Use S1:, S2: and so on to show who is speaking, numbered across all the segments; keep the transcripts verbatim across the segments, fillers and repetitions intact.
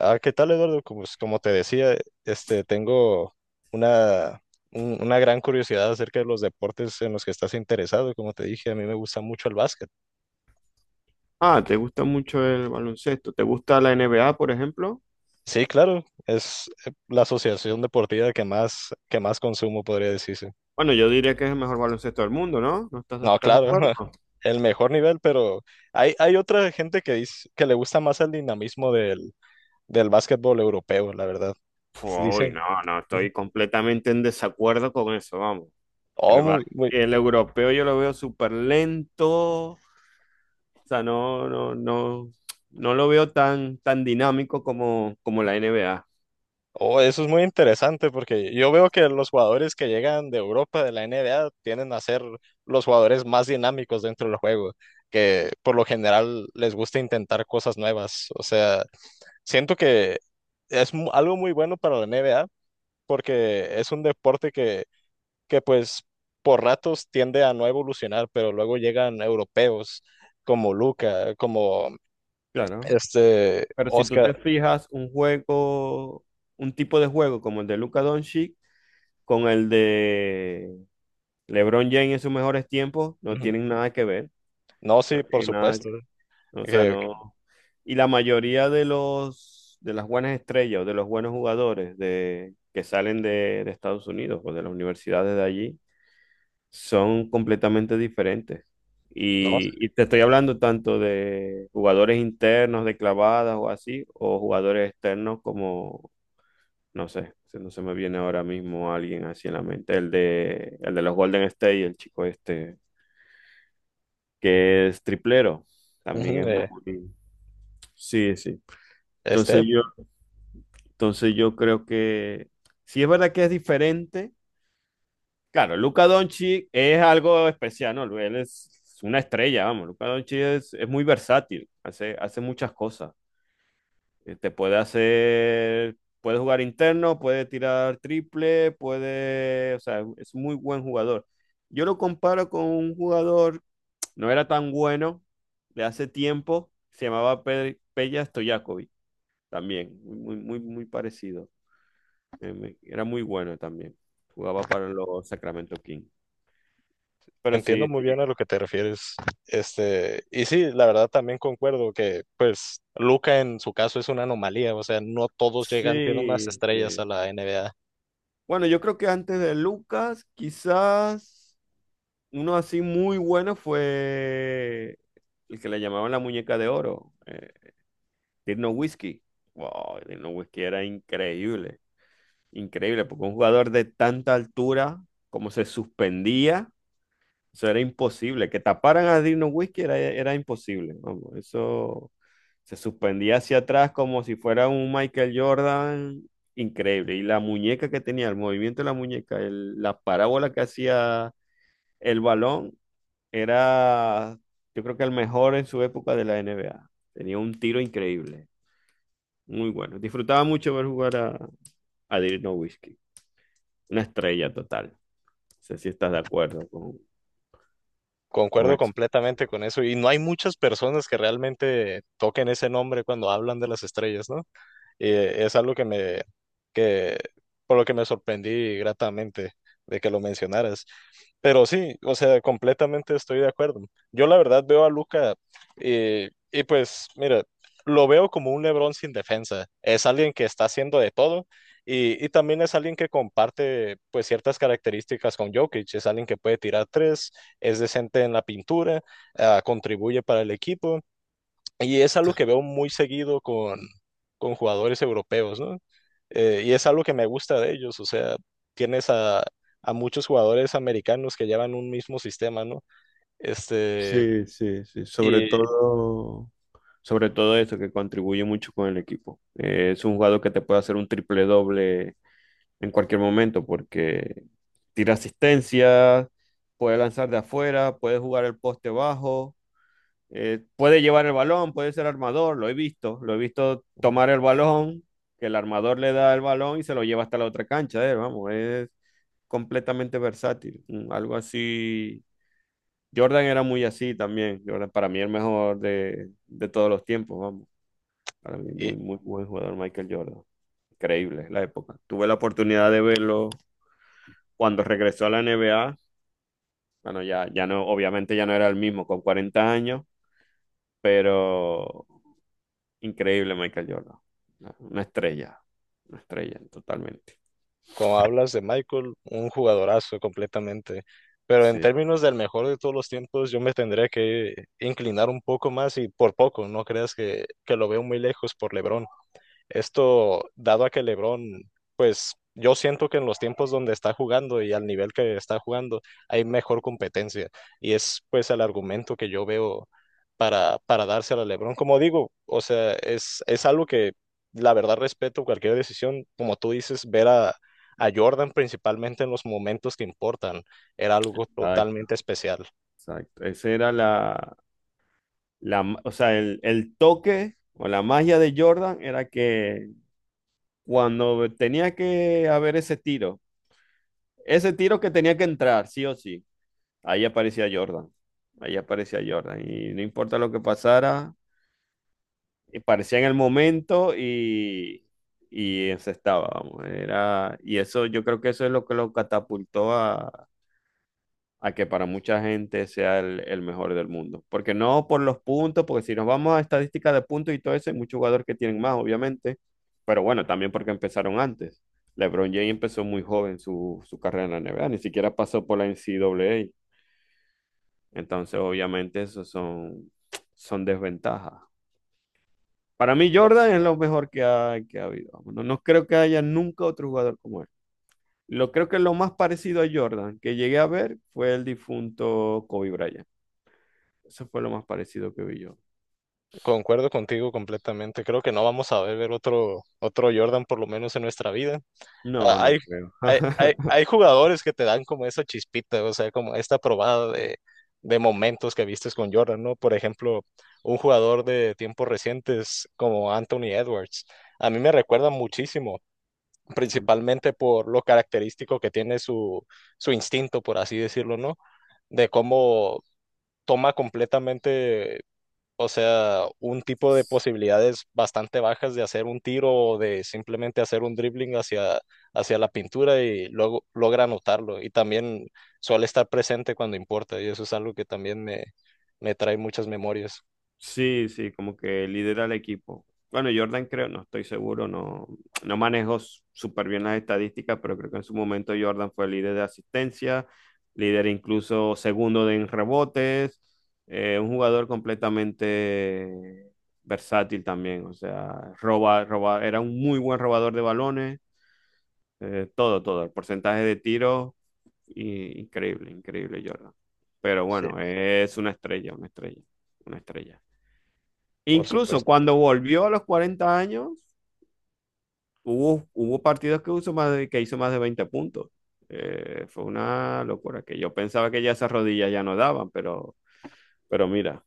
S1: Ah, ¿qué tal, Eduardo? Como, como te decía, este, tengo una, un- una gran curiosidad acerca de los deportes en los que estás interesado. Como te dije, a mí me gusta mucho el básquet.
S2: Ah, ¿te gusta mucho el baloncesto? ¿Te gusta la N B A, por ejemplo?
S1: Sí, claro, es eh, la asociación deportiva que más, que más consumo, podría decirse.
S2: Bueno, yo diría que es el mejor baloncesto del mundo, ¿no? ¿No estás,
S1: No,
S2: estás de
S1: claro,
S2: acuerdo?
S1: el mejor nivel, pero hay, hay otra gente que dice que le gusta más el dinamismo del, del básquetbol europeo, la verdad.
S2: Uy,
S1: Dicen,
S2: no, no, estoy completamente en desacuerdo con eso, vamos. El, ba-
S1: oh, muy,
S2: el europeo yo lo veo súper lento, o sea, no, no, no, no lo veo tan, tan dinámico como, como la N B A.
S1: oh, eso es muy interesante porque yo veo que los jugadores que llegan de Europa, de la N B A, tienden a ser los jugadores más dinámicos dentro del juego, que por lo general les gusta intentar cosas nuevas. O sea, siento que es mu- algo muy bueno para la N B A porque es un deporte que, que pues por ratos tiende a no evolucionar, pero luego llegan europeos como Luca, como
S2: Claro.
S1: este
S2: Pero si tú
S1: Oscar.
S2: te fijas un juego, un tipo de juego como el de Luka Doncic, con el de LeBron James en sus mejores tiempos no
S1: Ujú.
S2: tienen nada que ver,
S1: No, sí,
S2: no
S1: por
S2: tienen nada,
S1: supuesto.
S2: o sea,
S1: Que-
S2: no. Y la mayoría de los de las buenas estrellas o de los buenos jugadores de, que salen de, de Estados Unidos o de las universidades de allí son completamente diferentes.
S1: no,
S2: Y, y te estoy hablando tanto de jugadores internos de clavadas o así, o jugadores externos como, no sé, se- no se me viene ahora mismo alguien así en la mente, el de, el de los Golden State, el chico este, que es triplero. También
S1: ujú,
S2: es
S1: eh,
S2: muy... Sí, sí. Entonces
S1: Este,
S2: yo, entonces yo creo que sí es verdad que es diferente. Claro, Luka Doncic es algo especial, ¿no? Él es una estrella, vamos. Luka Doncic es, es muy versátil, hace, hace muchas cosas. Eh, Te puede hacer, puede jugar interno, puede tirar triple, puede, o sea, es muy buen jugador. Yo lo comparo con un jugador. No era tan bueno, de hace tiempo. Se llamaba Pe- Peja Stojakovic también. Muy, muy, muy parecido. Eh, me- Era muy bueno también. Jugaba para los Sacramento Kings. Pero
S1: entiendo
S2: sí,
S1: muy
S2: sí.
S1: bien a lo que te refieres. Este, y sí, la verdad también concuerdo que, pues, Luca en su caso es una anomalía, o sea, no todos llegan siendo unas
S2: Sí,
S1: estrellas a
S2: sí.
S1: la N B A.
S2: Bueno, yo creo que antes de Lucas, quizás uno así muy bueno fue el que le llamaban la muñeca de oro, eh, Dirk Nowitzki. Wow, Dirk Nowitzki era increíble. Increíble, porque un jugador de tanta altura, como se suspendía, eso era imposible. Que taparan a Dirk Nowitzki era, era imposible. Vamos, eso se suspendía hacia atrás como si fuera un Michael Jordan. Increíble. Y la muñeca que tenía, el movimiento de la muñeca, el- la parábola que hacía el balón, era, yo creo que el mejor en su época de la N B A. Tenía un tiro increíble. Muy bueno. Disfrutaba mucho ver jugar a, a Dirk Nowitzki. Una estrella total. Sé si estás de acuerdo con, con
S1: Concuerdo
S2: eso.
S1: completamente con eso, y no hay muchas personas que realmente toquen ese nombre cuando hablan de las estrellas, ¿no? Y eh, es algo que me, que, por lo que me sorprendí gratamente de que lo mencionaras. Pero sí, o sea, completamente estoy de acuerdo. Yo la verdad veo a Luca y, y pues, mira, lo veo como un LeBron sin defensa. Es alguien que está haciendo de todo y, y también es alguien que comparte pues ciertas características con Jokic. Es alguien que puede tirar tres, es decente en la pintura, ah, contribuye para el equipo y es algo que veo muy seguido con, con jugadores europeos, ¿no? Eh, y es algo que me gusta de ellos, o sea, tienes a, a muchos jugadores americanos que llevan un mismo sistema, ¿no? Este,
S2: Sí, sí, sí. Sobre
S1: y,
S2: todo, sobre todo eso, que contribuye mucho con el equipo. Eh, es un jugador que te puede hacer un triple doble en cualquier momento, porque tira asistencia, puede lanzar de afuera, puede jugar el poste bajo, eh, puede llevar el balón, puede ser armador, lo he visto, lo he visto tomar el balón, que el armador le da el balón y se lo lleva hasta la otra cancha, eh, vamos, es completamente versátil. Mm, algo así. Jordan era muy así también. Jordan, para mí el mejor de, de todos los tiempos, vamos. Para mí,
S1: y
S2: muy, muy buen jugador Michael Jordan. Increíble la época. Tuve la oportunidad de verlo cuando regresó a la N B A. Bueno, ya, ya no, obviamente ya no era el mismo con cuarenta años, pero increíble Michael Jordan. Una una estrella, una estrella totalmente.
S1: como hablas de Michael, un jugadorazo completamente. Pero en
S2: Sí,
S1: términos del mejor de todos los tiempos, yo me tendría que inclinar un poco más y por poco, no creas que, que lo veo muy lejos por LeBron. Esto dado a que LeBron, pues yo siento que en los tiempos donde está jugando y al nivel que está jugando hay mejor competencia. Y es pues el argumento que yo veo para, para dárselo a LeBron. Como digo, o sea, es, es algo que la verdad respeto cualquier decisión. Como tú dices, ver a, a Jordan principalmente en los momentos que importan era algo
S2: exacto,
S1: totalmente especial.
S2: exacto. Ese era la, la, o sea, el, el toque o la magia de Jordan era que cuando tenía que haber ese tiro, ese tiro que tenía que entrar, sí o sí, ahí aparecía Jordan, ahí aparecía Jordan, y no importa lo que pasara, y parecía en el momento y, y se estaba, vamos, era, y eso, yo creo que eso es lo que lo catapultó a, a que para mucha gente sea el, el mejor del mundo. Porque no por los puntos, porque si nos vamos a estadísticas de puntos y todo eso, hay muchos jugadores que tienen más, obviamente, pero bueno, también porque empezaron antes. LeBron James empezó muy joven su, su carrera en la N B A, ni siquiera pasó por la N C A A. Entonces, obviamente, eso son, son desventajas. Para mí, Jordan es lo mejor que ha, que ha habido. No, no creo que haya nunca otro jugador como él. Lo creo que lo más parecido a Jordan que llegué a ver fue el difunto Kobe Bryant. Eso fue lo más parecido que vi yo.
S1: Concuerdo contigo completamente. Creo que no vamos a ver otro, otro Jordan por lo menos en nuestra vida. Ah,
S2: No,
S1: Hay,
S2: no creo.
S1: hay, hay, hay jugadores que te dan como esa chispita, o sea, como esta probada de, de momentos que vistes con Jordan, ¿no? Por ejemplo, un jugador de tiempos recientes como Anthony Edwards, a mí me recuerda muchísimo, principalmente por lo característico que tiene su, su instinto, por así decirlo, ¿no? De cómo toma completamente o sea, un tipo de posibilidades bastante bajas de hacer un tiro o de simplemente hacer un dribbling hacia, hacia la pintura y luego logra anotarlo. Y también suele estar presente cuando importa. Y eso es algo que también me, me trae muchas memorias.
S2: Sí, sí, como que lidera el equipo. Bueno, Jordan creo, no estoy seguro, no, no manejo s- súper bien las estadísticas, pero creo que en su momento Jordan fue líder de asistencia, líder incluso segundo de- en rebotes, eh, un jugador completamente versátil también, o sea, roba, roba, era un muy buen robador de balones. Eh, todo, todo. El porcentaje de tiros, i- increíble, increíble, Jordan. Pero
S1: Sí,
S2: bueno, es una estrella, una estrella, una estrella.
S1: por
S2: Incluso
S1: supuesto.
S2: cuando volvió a los cuarenta años, hubo, hubo partidos que, hizo más de, que hizo más de veinte puntos. Eh, fue una locura que yo pensaba que ya esas rodillas ya no daban, pero, pero mira.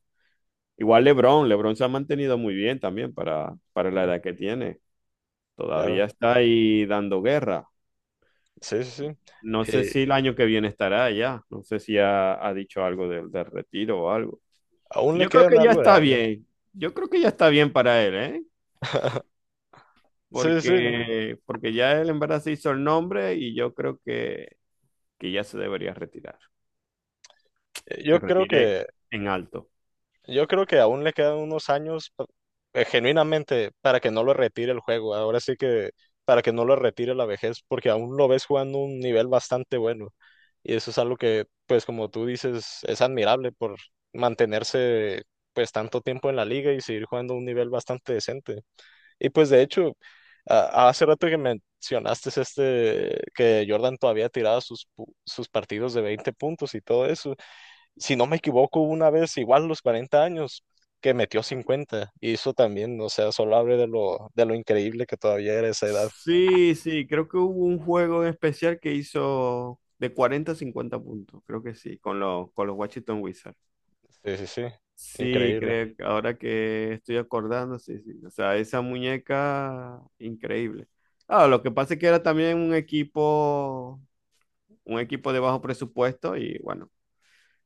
S2: Igual LeBron, LeBron se ha mantenido muy bien también para, para la
S1: Mm.
S2: edad que tiene.
S1: Claro.
S2: Todavía está ahí dando guerra.
S1: Sí, sí, sí.
S2: No sé
S1: Eh,
S2: si el año que viene estará allá. No sé si ha, ha dicho algo del, del retiro o algo.
S1: aún le
S2: Yo creo que
S1: quedan
S2: ya
S1: algo de
S2: está
S1: años.
S2: bien. Yo creo que ya está bien para él, ¿eh?
S1: Sí, sí.
S2: Porque, porque ya él en verdad se hizo el nombre y yo creo que, que ya se debería retirar.
S1: Eh,
S2: Se
S1: Yo creo
S2: retire
S1: que
S2: en alto.
S1: Yo creo que aún le quedan unos años pa- eh, genuinamente para que no lo retire el juego. Ahora sí que para que no lo retire la vejez, porque aún lo ves jugando un nivel bastante bueno. Y eso es algo que, pues como tú dices, es admirable por mantenerse pues tanto tiempo en la liga y seguir jugando a un nivel bastante decente. Y pues de hecho, a- hace rato que mencionaste este, que Jordan todavía tiraba sus, pu- sus partidos de veinte puntos y todo eso si no me equivoco, una vez igual los cuarenta años que metió cincuenta y eso también, o sea, solo abre de lo, de lo increíble que todavía era esa edad.
S2: Sí, sí, creo que hubo un juego en especial que hizo de cuarenta a cincuenta puntos. Creo que sí, con los, con los Washington Wizards.
S1: Sí, sí, sí,
S2: Sí,
S1: increíble.
S2: creo que ahora que estoy acordando, sí, sí. O sea, esa muñeca, increíble. Ah, lo que pasa es que era también un equipo, un equipo de bajo presupuesto y bueno,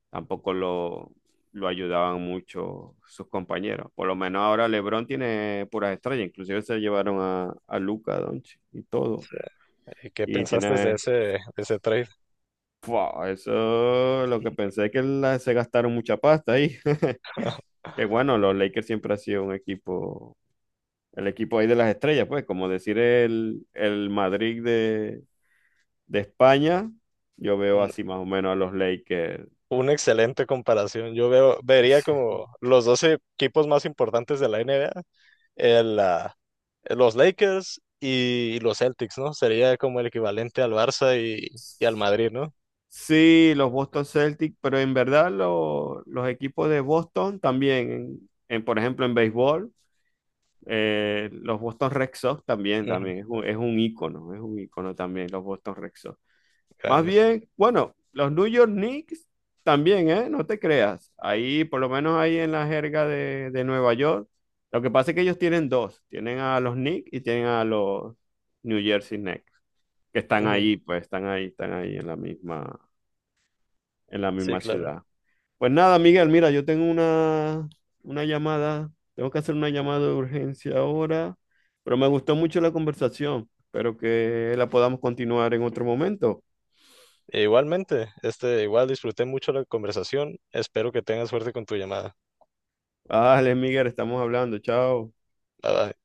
S2: tampoco lo, lo ayudaban mucho sus compañeros. Por lo menos ahora LeBron tiene puras estrellas, inclusive se llevaron a, a Luka Doncic y todo.
S1: Sí. ¿Y qué
S2: Y
S1: pensaste de
S2: tiene,
S1: ese, de ese trade?
S2: ¡fua!, eso lo que pensé es que la- se gastaron mucha pasta ahí. Que bueno, los Lakers siempre ha sido un equipo, el equipo ahí de las estrellas, pues, como decir el, el Madrid de, de España, yo veo
S1: Un-
S2: así más o menos a los Lakers.
S1: Una excelente comparación. Yo veo, vería como los doce equipos más importantes de la N B A, el, ah, los Lakers y, los Celtics, ¿no? Sería como el equivalente al Barça y, y al Madrid, ¿no?
S2: Sí, los Boston Celtics, pero en verdad lo- los equipos de Boston también, en, en, por ejemplo en béisbol, eh, los Boston Red Sox también,
S1: Ujú,
S2: también es un, es un ícono, es un ícono también los Boston Red Sox. Más
S1: grandes.
S2: bien, bueno, los New York Knicks también, ¿eh? No te creas. Ahí, por lo menos ahí en la jerga de, de Nueva York, lo que pasa es que ellos tienen dos. Tienen a los Knicks y tienen a los New Jersey Knicks, que están
S1: Ujú,
S2: ahí, pues están ahí, están ahí en la misma, en la
S1: sí,
S2: misma
S1: claro.
S2: ciudad. Pues nada, Miguel, mira, yo tengo una, una llamada, tengo que hacer una llamada de urgencia ahora, pero me gustó mucho la conversación. Espero que la podamos continuar en otro momento.
S1: E igualmente, este, igual disfruté mucho la conversación. Espero que tengas suerte con tu llamada.
S2: Vale, Miguel, estamos hablando. Chao.
S1: Bye bye.